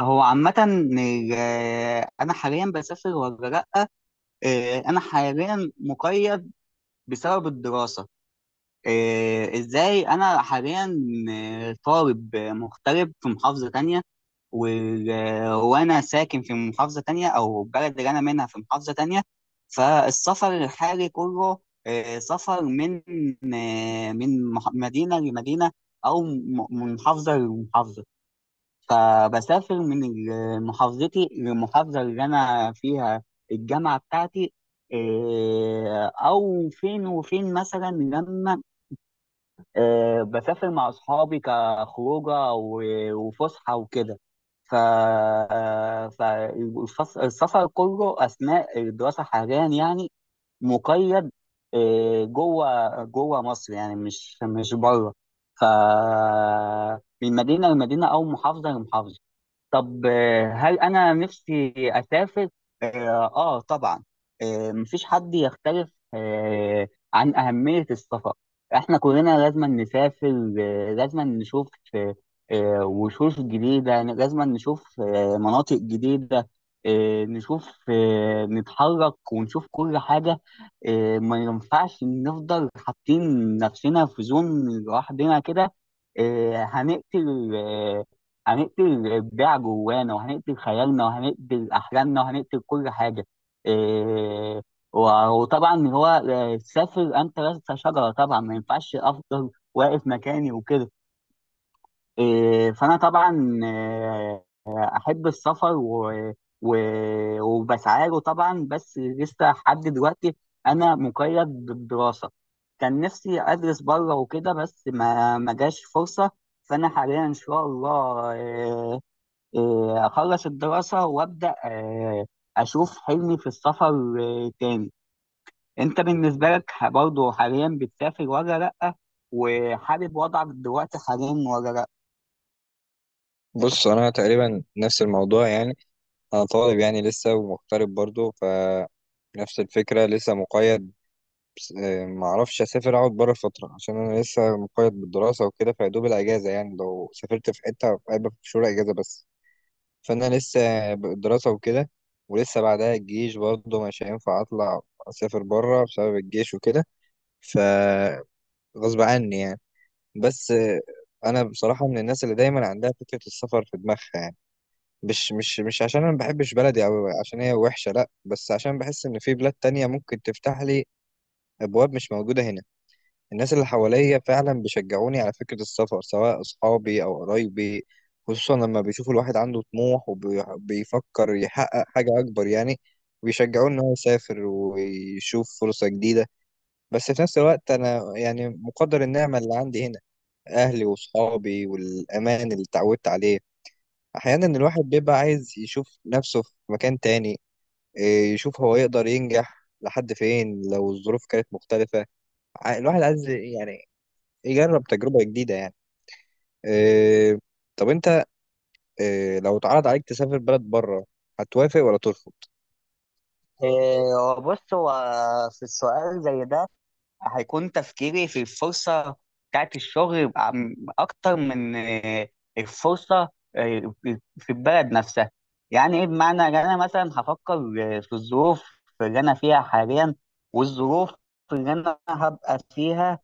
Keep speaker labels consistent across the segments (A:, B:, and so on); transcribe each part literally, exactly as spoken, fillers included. A: هو عامة. آه، أنا حاليا بسافر ولا لأ؟ آه، أنا حاليا مقيد بسبب الدراسة. آه، إزاي؟ أنا حاليا آه، طالب مغترب في محافظة تانية. و- آه، وأنا ساكن في محافظة تانية أو البلد اللي أنا منها في محافظة تانية. فالسفر الحالي كله آه، سفر من آه، من مح- مدينة لمدينة أو م- من محافظة لمحافظة. فبسافر من ال- محافظتي للمحافظة اللي أنا فيها الجامعة بتاعتي، إيه، أو فين وفين مثلا لما إيه، بسافر مع أصحابي كخروجة و- وفسحة وكده. ف فالسفر كله أثناء الدراسة حاليا يعني مقيد، إيه، جوه جوه مصر يعني مش مش بره. ف من مدينة لمدينة أو محافظة لمحافظة. طب، آه، هل انا نفسي اسافر؟ اه آه، طبعا. آه، مفيش حد يختلف آه، عن اهمية السفر. احنا كلنا لازم نسافر، آه، لازم نشوف آه، آه، وشوش جديدة، لازم نشوف آه، مناطق جديدة، آه، نشوف، آه، نتحرك ونشوف كل حاجة. آه، ما ينفعش نفضل حاطين نفسنا في زون لوحدنا كده، آه، هنقتل آه، هنقتل الابداع جوانا وهنقتل خيالنا وهنقتل احلامنا وهنقتل كل حاجه. إيه و- وطبعا اللي هو آه، سافر، انت لست شجره طبعا، ما ينفعش افضل واقف مكاني وكده. إيه فانا طبعا آه، احب السفر و و وبسعى له طبعا، بس لسه لحد دلوقتي انا مقيد بالدراسه. كان نفسي ادرس بره وكده، بس ما ما جاش فرصه. فانا حاليا ان شاء الله آه، آه، اخلص الدراسه وابدا آه، اشوف حلمي في السفر آه، تاني. انت بالنسبه لك برضه حاليا بتسافر ولا لا؟ وحابب وضعك دلوقتي حاليا ولا لا؟
B: بص، انا تقريبا نفس الموضوع يعني. انا طالب يعني لسه ومغترب برضو، فنفس الفكره لسه مقيد. آه، معرفش اسافر اقعد بره فتره عشان انا لسه مقيد بالدراسه وكده، فيدوب الاجازه يعني. لو سافرت في حته هيبقى في شهور اجازه بس. فانا لسه بالدراسه وكده، ولسه بعدها الجيش برضو مش هينفع اطلع اسافر بره بسبب الجيش وكده، فغصب عني يعني. بس آه، انا بصراحه من الناس اللي دايما عندها فكره السفر في دماغها يعني. مش مش مش عشان انا ما بحبش بلدي او عشان هي وحشه، لا، بس عشان بحس ان في بلاد تانية ممكن تفتح لي ابواب مش موجوده هنا. الناس اللي حواليا فعلا بيشجعوني على فكره السفر، سواء اصحابي او قرايبي، خصوصا لما بيشوفوا الواحد عنده طموح وبيفكر يحقق حاجه اكبر يعني. بيشجعوه ان هو يسافر ويشوف فرصه جديده. بس في نفس الوقت انا يعني مقدر النعمه اللي عندي هنا، اهلي واصحابي والامان اللي اتعودت عليه. احيانا الواحد بيبقى عايز يشوف نفسه في مكان تاني، إيه، يشوف هو يقدر ينجح لحد فين لو الظروف كانت مختلفة. ع- الواحد عايز يعني يجرب تجربة جديدة يعني، إيه. طب انت، إيه، لو اتعرض عليك تسافر بلد بره، هتوافق ولا ترفض؟
A: إيه، بص، هو في السؤال زي ده هيكون تفكيري في الفرصة بتاعت الشغل عم- أكتر من آه، الفرصة آه، في البلد نفسها. يعني إيه، بمعنى إن أنا مثلا هفكر آه، في الظروف اللي أنا فيها حاليا والظروف اللي أنا هبقى فيها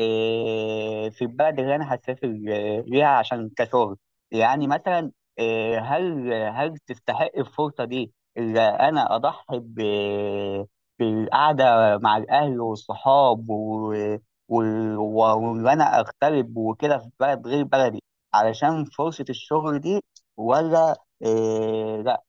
A: آه، في البلد اللي انا هسافر آه، ليها عشان كشغل. يعني مثلا، آه، هل هل تستحق الفرصه دي اللي انا اضحي ب- بالقعده مع الاهل والصحاب و- و- وان انا اغترب وكده في بلد غير بلدي علشان فرصه الشغل دي، ولا آه، لا؟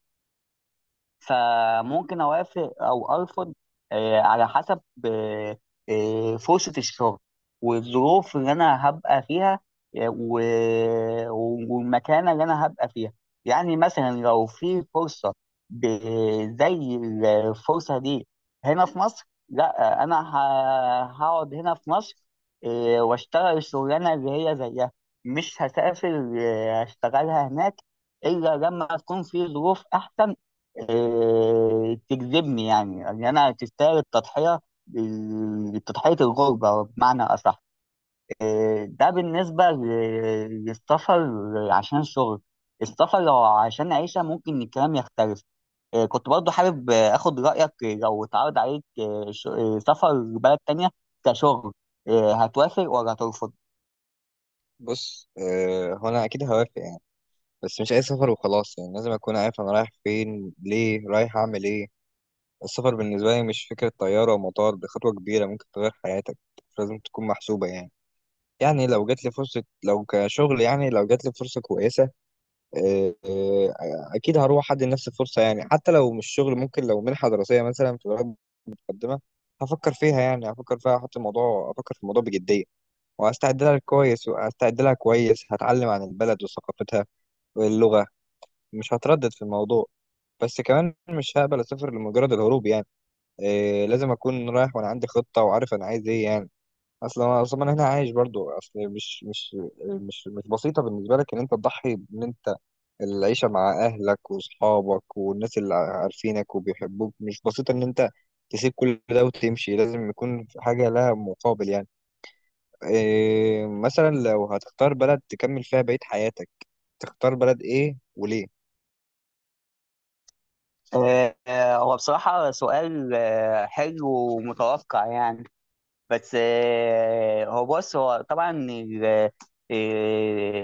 A: فممكن اوافق او ارفض آه، على حسب آه، آه، فرصه الشغل والظروف اللي انا هبقى فيها آه، و- والمكانه اللي انا هبقى فيها. يعني مثلا لو في فرصه ب- زي الفرصه دي هنا في مصر، لا آه، انا ه- هقعد هنا في مصر آه، واشتغل الشغلانه اللي هي زيها، مش هسافر آه، اشتغلها هناك الا لما تكون في ظروف احسن آه، تجذبني، يعني يعني انا تستاهل التضحيه، آه، تضحيه الغربه بمعنى اصح. آه، ده بالنسبه ل- للسفر عشان الشغل. السفر لو عشان عيشه ممكن الكلام يختلف. آه، كنت برضو حابب آه، اخد رايك، آه، لو اتعرض عليك آه، ش- آه، سفر لبلد تانية كشغل، آه، هتوافق ولا هترفض؟
B: بص، إيه، هو انا اكيد هوافق يعني، بس مش اي سفر وخلاص يعني. لازم اكون عارف انا رايح فين، ليه رايح، اعمل ايه. السفر بالنسبة لي مش فكرة طيارة ومطار، دي خطوة كبيرة ممكن تغير حياتك، لازم تكون محسوبة يعني. يعني لو جات لي فرصة، لو كشغل يعني، لو جات لي فرصة كويسة، آه، آه، أكيد هروح أدي لنفسي فرصة يعني. حتى لو مش شغل، ممكن لو منحة دراسية مثلا في بلد متقدمة، هفكر فيها يعني. هفكر فيها أحط الموضوع، أفكر في الموضوع بجدية، وهستعد لها كويس وهستعد لها كويس، هتعلم عن البلد وثقافتها واللغة. مش هتردد في الموضوع، بس كمان مش هقبل أسافر لمجرد الهروب يعني. آه، لازم أكون رايح وأنا عندي خطة وعارف أنا عايز إيه يعني. اصل انا اصل انا هنا عايش برضو. اصل مش مش مش مش بسيطه بالنسبه لك ان انت تضحي ان انت، العيشه مع اهلك واصحابك والناس اللي عارفينك وبيحبوك مش بسيطه ان انت تسيب كل ده وتمشي. لازم يكون في حاجه لها مقابل يعني. إيه، مثلا لو هتختار بلد تكمل فيها بقيه حياتك، تختار بلد ايه وليه؟
A: آه، آه، هو بصراحه سؤال آه، حلو ومتوقع يعني. بس آه، هو، بص، هو طبعا ال- آه،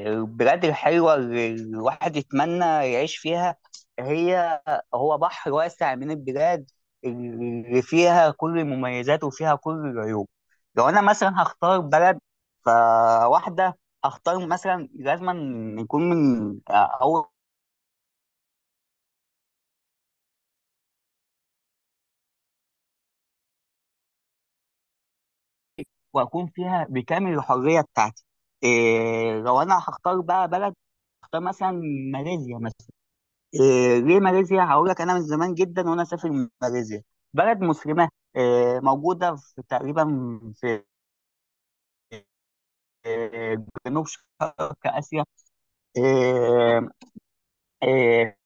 A: البلاد الحلوه اللي الواحد يتمنى يعيش فيها، هي هو بحر واسع من البلاد اللي فيها كل المميزات وفيها كل العيوب. لو انا مثلا هختار بلد فواحده، هختار مثلا، لازم يكون من او، واكون فيها بكامل الحريه بتاعتي. إيه لو انا هختار بقى بلد، هختار مثلا ماليزيا مثلا. إيه، ليه ماليزيا؟ هقول لك، انا من زمان جدا وانا اسافر ماليزيا. بلد مسلمه، إيه، موجوده في تقريبا في إيه، جنوب شرق اسيا، إيه، إيه،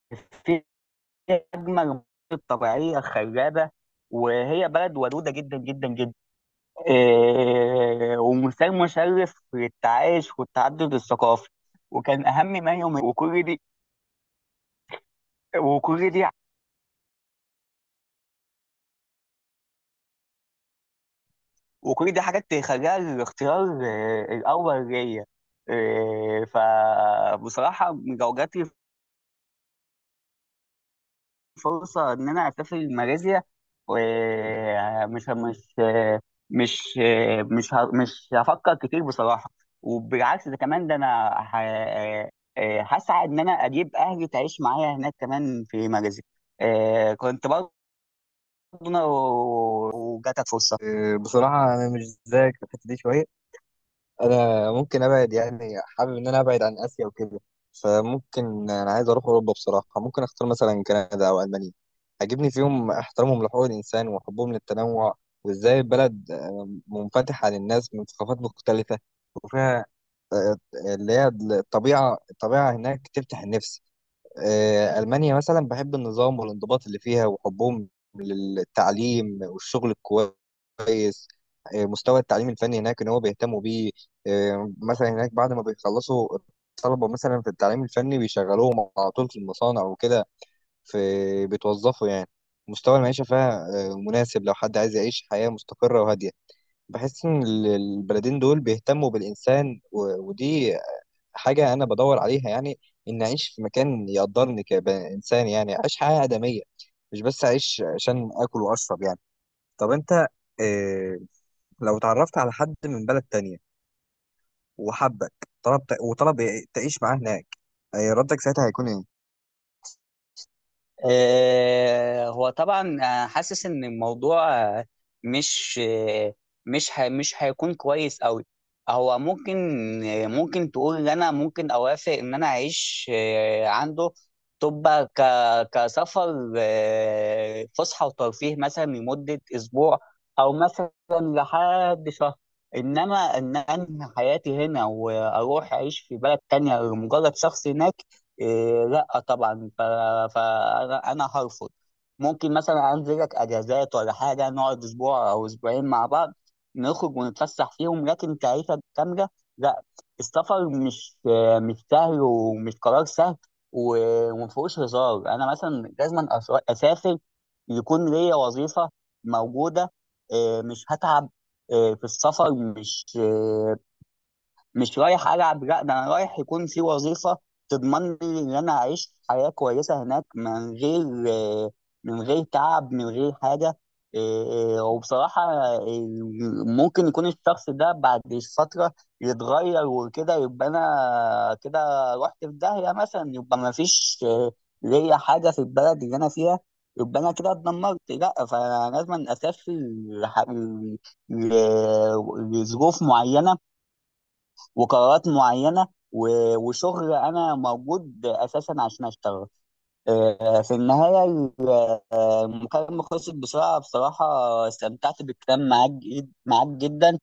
A: في اجمل المناطق الطبيعيه خلابه، وهي بلد ودوده جدا جدا جدا، إيه، ومثال مشرف للتعايش والتعدد الثقافي. وكان اهم ما يوم، وكل دي وكل دي وكل دي حاجات تخليها الاختيار آه، الاول ليا. آه، فبصراحه لو جات لي فرصه ان انا اسافر ماليزيا، آه، مش مش آه، مش آه، مش ه- مش هفكر كتير بصراحه، وبالعكس ده كمان، ده انا ه- آه، آه، هسعى ان انا اجيب اهلي تعيش معايا هناك كمان في ماليزيا. آه، كنت برضه انا و- وجاتك فرصه.
B: إيه، بصراحه انا مش زيك في الحته دي شويه. انا ممكن ابعد يعني، حابب ان انا ابعد عن اسيا وكده، فممكن انا عايز اروح اوروبا. بصراحه ممكن اختار مثلا كندا او المانيا. عجبني فيهم احترامهم لحقوق الانسان وحبهم للتنوع، وازاي البلد آه، منفتحه للناس من ثقافات مختلفه، وفيها آه، اللي هي الطبيعه الطبيعه هناك تفتح النفس. آه، ألمانيا مثلا بحب النظام والانضباط اللي فيها، وحبهم للتعليم والشغل الكويس. آه، مستوى التعليم الفني هناك إن هو بيهتموا بيه. آه، مثلا هناك بعد ما بيخلصوا الطلبة مثلا في التعليم الفني بيشغلوهم على طول في المصانع وكده، في بيتوظفوا يعني. مستوى المعيشة فيها آه، مناسب لو حد عايز يعيش حياة مستقرة وهادية. بحس إن ال- البلدين دول بيهتموا بالإنسان، و- ودي حاجة أنا بدور عليها يعني، إن أعيش في مكان يقدرني كإنسان، يعني أعيش حياة آدمية، مش بس أعيش عشان آكل وأشرب يعني. طب أنت، إيه، لو اتعرفت على حد من بلد تانية وحبك، طلب وطلب تعيش معاه هناك، إيه ردك ساعتها هيكون إيه؟
A: آه، هو طبعا أنا حاسس ان الموضوع آه، مش آه، مش ه- مش هيكون كويس قوي. هو ممكن آه، ممكن تقول ان انا ممكن اوافق ان انا اعيش آه، عنده، تبقى ك- كسفر آه، فسحه وترفيه مثلا لمده اسبوع او مثلا لحد شهر. انما ان انهي حياتي هنا واروح اعيش في بلد تانية لمجرد شخص هناك، إيه لا طبعا. ف- فانا انا هرفض. ممكن مثلا انزلك اجازات ولا حاجه، نقعد اسبوع او اسبوعين مع بعض، نخرج ونتفسح فيهم، لكن كعيشه كامله، لا. السفر مش مش سهل ومش قرار سهل، و- ومفهوش هزار. انا مثلا لازم أس- اسافر يكون ليا وظيفه موجوده، إيه مش هتعب، إيه في السفر مش مش رايح العب، لا، ده انا رايح يكون في وظيفه تضمن لي ان انا اعيش حياه كويسه هناك من غير آه، من غير تعب من غير حاجه. إيه، وبصراحه إيه، ممكن يكون الشخص ده بعد فتره يتغير وكده، يبقى انا كده رحت في داهيه مثلا، يبقى ما فيش إيه، ليا حاجه في البلد اللي انا فيها، يبقى انا كده اتدمرت، لا فلازم اسافر لح- ل- لظروف معينه وقرارات معينه و- وشغل انا موجود اساسا عشان اشتغل. آه، في النهايه آه، المكالمه خلصت بسرعه بصراحه. استمتعت بالكلام معاك جد- معاك جدا.